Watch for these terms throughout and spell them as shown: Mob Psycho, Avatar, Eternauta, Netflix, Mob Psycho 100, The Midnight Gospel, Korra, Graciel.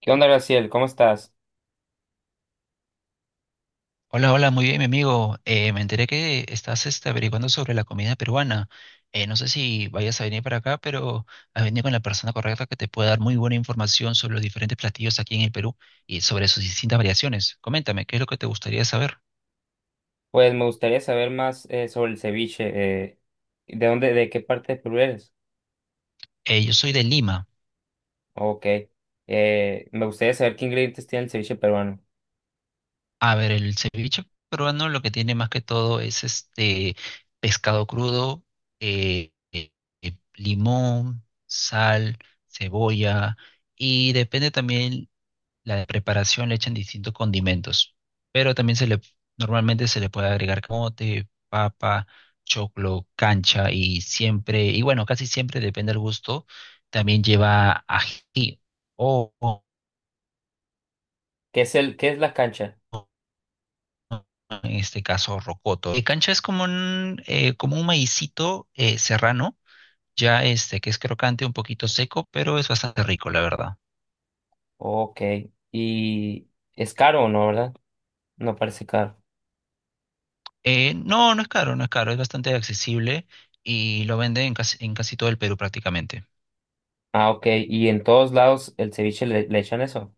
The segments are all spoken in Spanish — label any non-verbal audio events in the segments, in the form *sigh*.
¿Qué onda, Graciel? ¿Cómo estás? Hola, hola, muy bien, mi amigo. Me enteré que estás averiguando sobre la comida peruana. No sé si vayas a venir para acá, pero has venido con la persona correcta que te puede dar muy buena información sobre los diferentes platillos aquí en el Perú y sobre sus distintas variaciones. Coméntame, ¿qué es lo que te gustaría saber? Pues me gustaría saber más sobre el ceviche. ¿De dónde, de qué parte de Perú eres? Yo soy de Lima. Ok. Me gustaría saber qué ingredientes tiene el ceviche peruano. A ver, el ceviche peruano lo que tiene más que todo es este pescado crudo, eh, eh, limón, sal, cebolla. Y depende también la de preparación le echan distintos condimentos, pero también normalmente se le puede agregar camote, papa, choclo, cancha y siempre, y bueno, casi siempre depende del gusto, también lleva ají o ¿Qué es el, qué es la cancha? en este caso rocoto. Cancha es como un maicito serrano, ya este que es crocante, un poquito seco, pero es bastante rico, la verdad. Ok. ¿Y es caro o no, verdad? No parece caro. No, no es caro, no es caro, es bastante accesible y lo venden en casi todo el Perú prácticamente. Ah, ok. ¿Y en todos lados el ceviche le, le echan eso?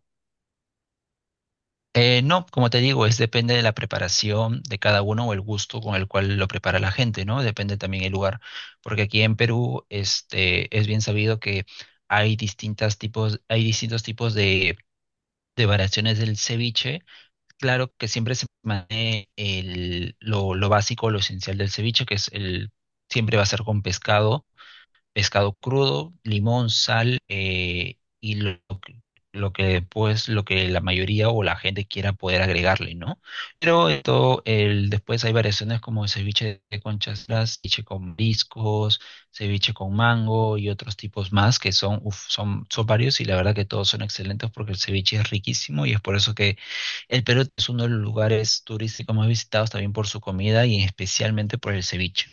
No, como te digo, es depende de la preparación de cada uno o el gusto con el cual lo prepara la gente, ¿no? Depende también el lugar, porque aquí en Perú, este, es bien sabido que hay distintas tipos, hay distintos tipos de variaciones del ceviche. Claro que siempre se mantiene lo básico, lo esencial del ceviche, que es el, siempre va a ser con pescado crudo, limón, sal y lo que pues lo que la mayoría o la gente quiera poder agregarle, ¿no? Pero esto el después hay variaciones como ceviche de conchas, las ceviche con discos, ceviche con mango y otros tipos más que son uf, son varios y la verdad que todos son excelentes porque el ceviche es riquísimo y es por eso que el Perú es uno de los lugares turísticos más visitados también por su comida y especialmente por el ceviche.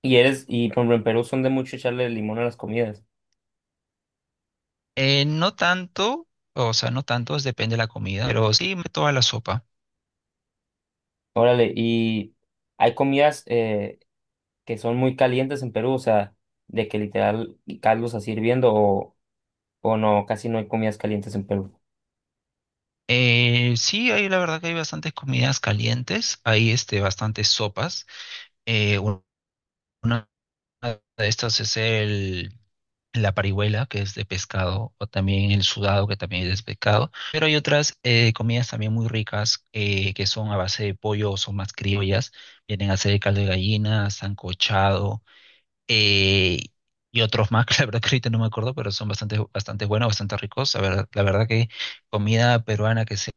Y eres, y por ejemplo en Perú son de mucho echarle limón a las comidas. No tanto, o sea, no tantos, depende de la comida, pero toda la sopa. Órale, ¿y hay comidas que son muy calientes en Perú? O sea, de que literal caldos así hirviendo o no, casi no hay comidas calientes en Perú. Sí, hay la verdad que hay bastantes comidas calientes, hay este, bastantes sopas. Eh, un- una de estas es el, la parihuela, que es de pescado, o también el sudado, que también es de pescado. Pero hay otras comidas también muy ricas que son a base de pollo, son más criollas, vienen a ser caldo de gallina, sancochado. eh, y otros más, *laughs* que la verdad que ahorita no me acuerdo, pero son bastante, bastante buenos, bastante ricos. La verdad que comida peruana que sea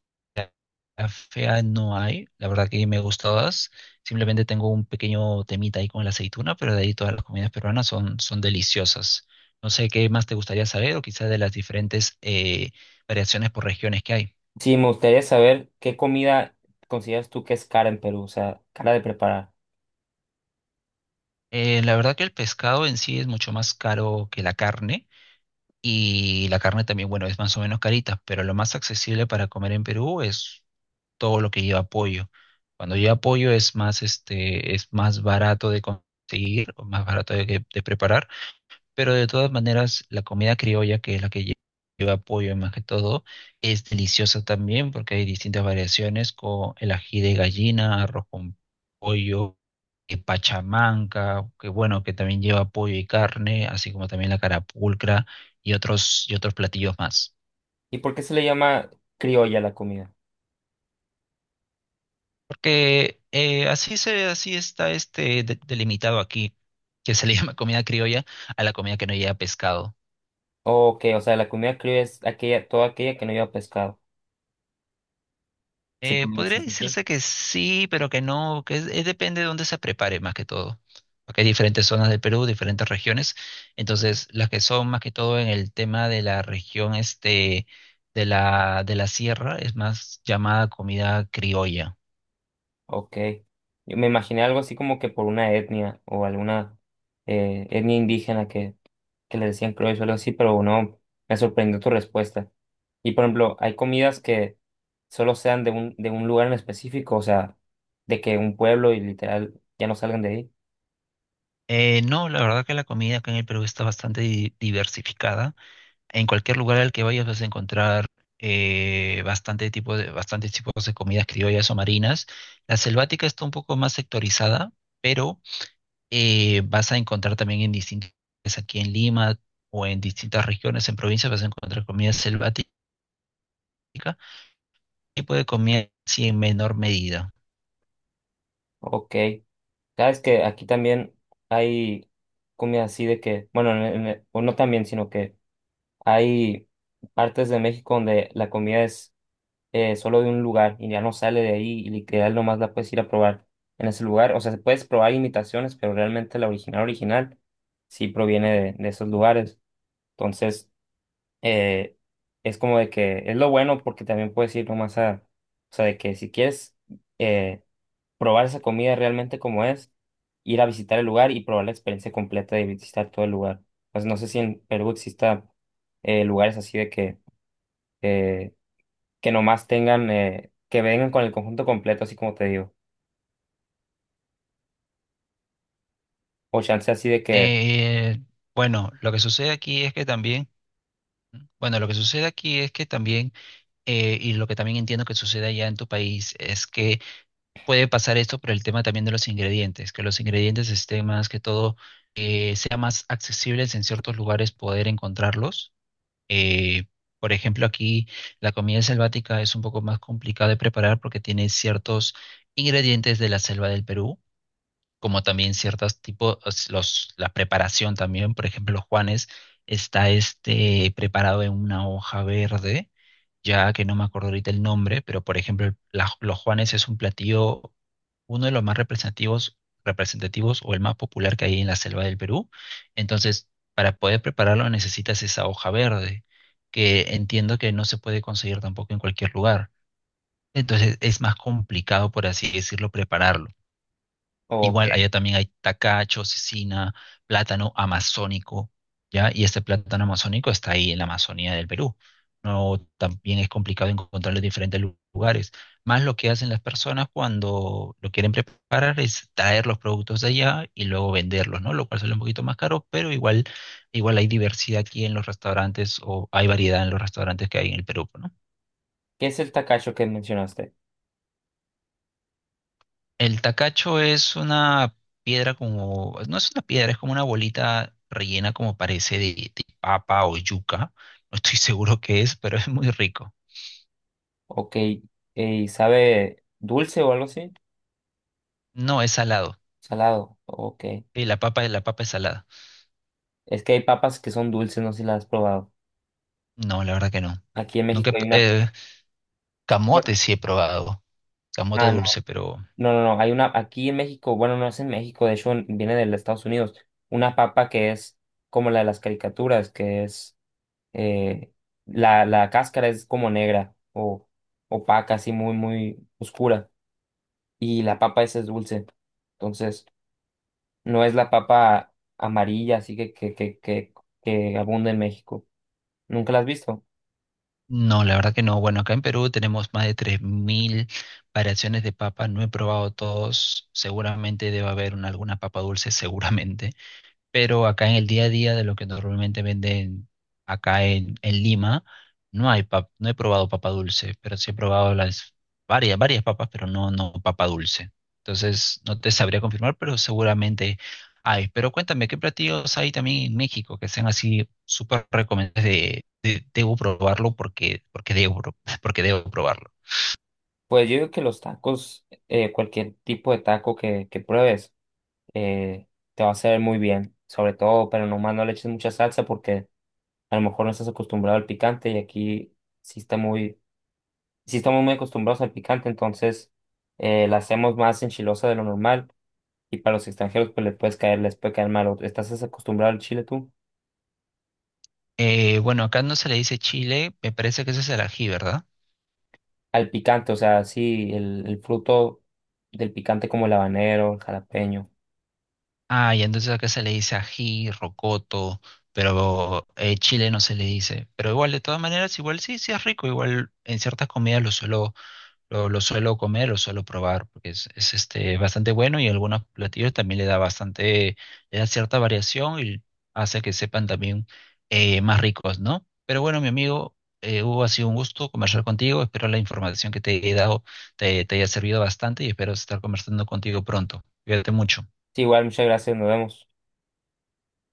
fea no hay. La verdad que me gustan todas. Simplemente tengo un pequeño temita ahí con la aceituna, pero de ahí todas las comidas peruanas son, son deliciosas. No sé qué más te gustaría saber o quizás de las diferentes variaciones por regiones que hay. Sí, me gustaría saber qué comida consideras tú que es cara en Perú, o sea, cara de preparar. La verdad que el pescado en sí es mucho más caro que la carne. Y la carne también, bueno, es más o menos carita, pero lo más accesible para comer en Perú es todo lo que lleva pollo. Cuando lleva pollo es más, este, es más barato de conseguir, o más barato de, que- de preparar pero de todas maneras, la comida criolla, que es lleva pollo más que todo, es deliciosa también porque hay distintas variaciones con el ají de gallina, arroz con pollo, pachamanca, que bueno, que también lleva pollo y carne, así como también la carapulcra y otros platillos más. ¿Y por qué se le llama criolla a la comida? Porque así se, así está este delimitado aquí, que se le *laughs* llama comida criolla a la comida que no lleva pescado. O que, o sea, la comida criolla es aquella, toda aquella que no lleva pescado. Sí, podría Podría decirse así. decirse que sí, pero que no, es depende de dónde se prepare más que todo. Porque hay diferentes zonas del Perú, diferentes regiones. Entonces, las que son más que todo en el tema de la región este de de la sierra es más llamada comida criolla. Ok. Yo me imaginé algo así como que por una etnia o alguna etnia indígena que le decían criollos o algo así, pero no, me sorprendió tu respuesta. Y por ejemplo, hay comidas que solo sean de un lugar en específico, o sea, de que un pueblo y literal ya no salgan de ahí. No, la verdad que la comida acá en el Perú está bastante diversificada. En cualquier lugar al que vayas vas a encontrar bastante tipo de, bastantes tipos de comidas criollas o marinas. La selvática está un poco más sectorizada, pero vas a encontrar también en distintas, aquí en Lima o en distintas regiones, en provincias, vas a encontrar comida selvática, tipo de comida sí, en menor medida. Ok. Sabes que aquí también hay comida así de que, bueno, en- o no también, sino que hay partes de México donde la comida es solo de un lugar y ya no sale de ahí y literal nomás la puedes ir a probar en ese lugar. O sea, se puedes probar imitaciones, pero realmente la original original sí proviene de esos lugares. Entonces, eh, es como de que es lo bueno porque también puedes ir nomás a, o sea, de que si quieres eh, probar esa comida realmente como es, ir a visitar el lugar y probar la experiencia completa de visitar todo el lugar. Pues no sé si en Perú exista lugares así de eh, que nomás tengan, que vengan con el conjunto completo, así como te digo. O chance así de que, Eh, bueno, lo que sucede aquí es que también, y lo que también entiendo que sucede allá en tu país, es que puede pasar esto por el tema también de los ingredientes, que los ingredientes estén más que todo, sea más accesibles en ciertos lugares poder encontrarlos. Eh, por ejemplo, aquí la comida selvática es un poco más complicada de preparar porque tiene ciertos ingredientes de la selva del Perú, como también ciertos tipos, los, la preparación también, por ejemplo, los Juanes está este preparado en una hoja verde, ya que no me acuerdo ahorita el nombre, pero por ejemplo, los Juanes es un platillo uno de los más representativos, representativos o el más popular que hay en la selva del Perú. Entonces, para poder prepararlo necesitas esa hoja verde, que entiendo que no se puede conseguir tampoco en cualquier lugar. Entonces, es más complicado, por así decirlo, prepararlo. o Igual que, allá también hay tacacho, cecina, plátano amazónico, ¿ya? Y este plátano amazónico está ahí en la Amazonía del Perú. No, también es complicado encontrarlo en diferentes lugares. Más lo que hacen las personas cuando lo quieren preparar es traer los productos de allá y luego venderlos, ¿no? Lo cual sale un poquito más caro, pero igual, igual hay diversidad aquí en los restaurantes o hay variedad en los restaurantes que hay en el Perú, ¿no? ¿qué es el tacacho que mencionaste? El tacacho es una piedra como, no es una piedra, es como una bolita rellena como parece de papa o yuca. No estoy *laughs* seguro qué es, pero es muy rico. Ok, ¿sabe dulce o algo así? No, es salado. Salado, ok. Sí, la papa es salada. Es que hay papas que son dulces, no sé si las has probado. No, la verdad que no. Aquí en Nunca, he México hay pr- una... camote bueno, sí he probado, camote ah, no, dulce, pero no, no, no, hay una, aquí en México, bueno, no es en México, de hecho en- viene de Estados Unidos, una papa que es como la de las caricaturas, que es eh, la, la cáscara es como negra o opaca, así muy, muy oscura. Y la papa esa es dulce. Entonces, no es la papa amarilla, así que abunda en México. ¿Nunca la has visto? no, la verdad que no. Bueno, acá en Perú tenemos más de 3000 variaciones de papa. No he probado todos. Seguramente debe haber alguna papa dulce, seguramente pero acá en el día a día de lo que normalmente venden acá en Lima, no hay no he probado papa dulce, pero sí he probado las varias papas, pero no, no papa dulce. Entonces, no te sabría confirmar, pero seguramente hay. Pero cuéntame, ¿qué platillos hay también en México que sean así súper recomendables debo probarlo porque, porque *laughs* porque debo probarlo? Pues yo digo que los tacos, cualquier tipo de taco que pruebes, eh, te va a hacer muy bien. Sobre todo, pero nomás no le eches mucha salsa porque a lo mejor no estás acostumbrado al picante y aquí sí está muy sí estamos muy acostumbrados al picante, entonces la hacemos más enchilosa de lo normal y para los extranjeros pues les puedes caer, les puede caer mal. O- ¿Estás acostumbrado al chile tú? Bueno, acá no se le dice chile, me parece que ese es el ají, ¿verdad? Al picante, o sea, sí, el fruto del picante como el habanero, el jalapeño. Ah, y entonces acá se le dice ají, rocoto, pero chile no se le dice. Pero igual, de todas maneras, igual sí, sí es rico. Igual en ciertas comidas lo suelo comer, lo suelo probar, porque este, bastante bueno y algunos platillos también le da bastante, le da cierta variación y hace que sepan también más ricos, ¿no? Pero bueno, mi amigo, Hugo, ha sido un gusto conversar contigo. Espero la información que te he dado te haya servido bastante y espero estar conversando contigo pronto. Cuídate mucho. Sí, igual, muchas gracias, nos vemos.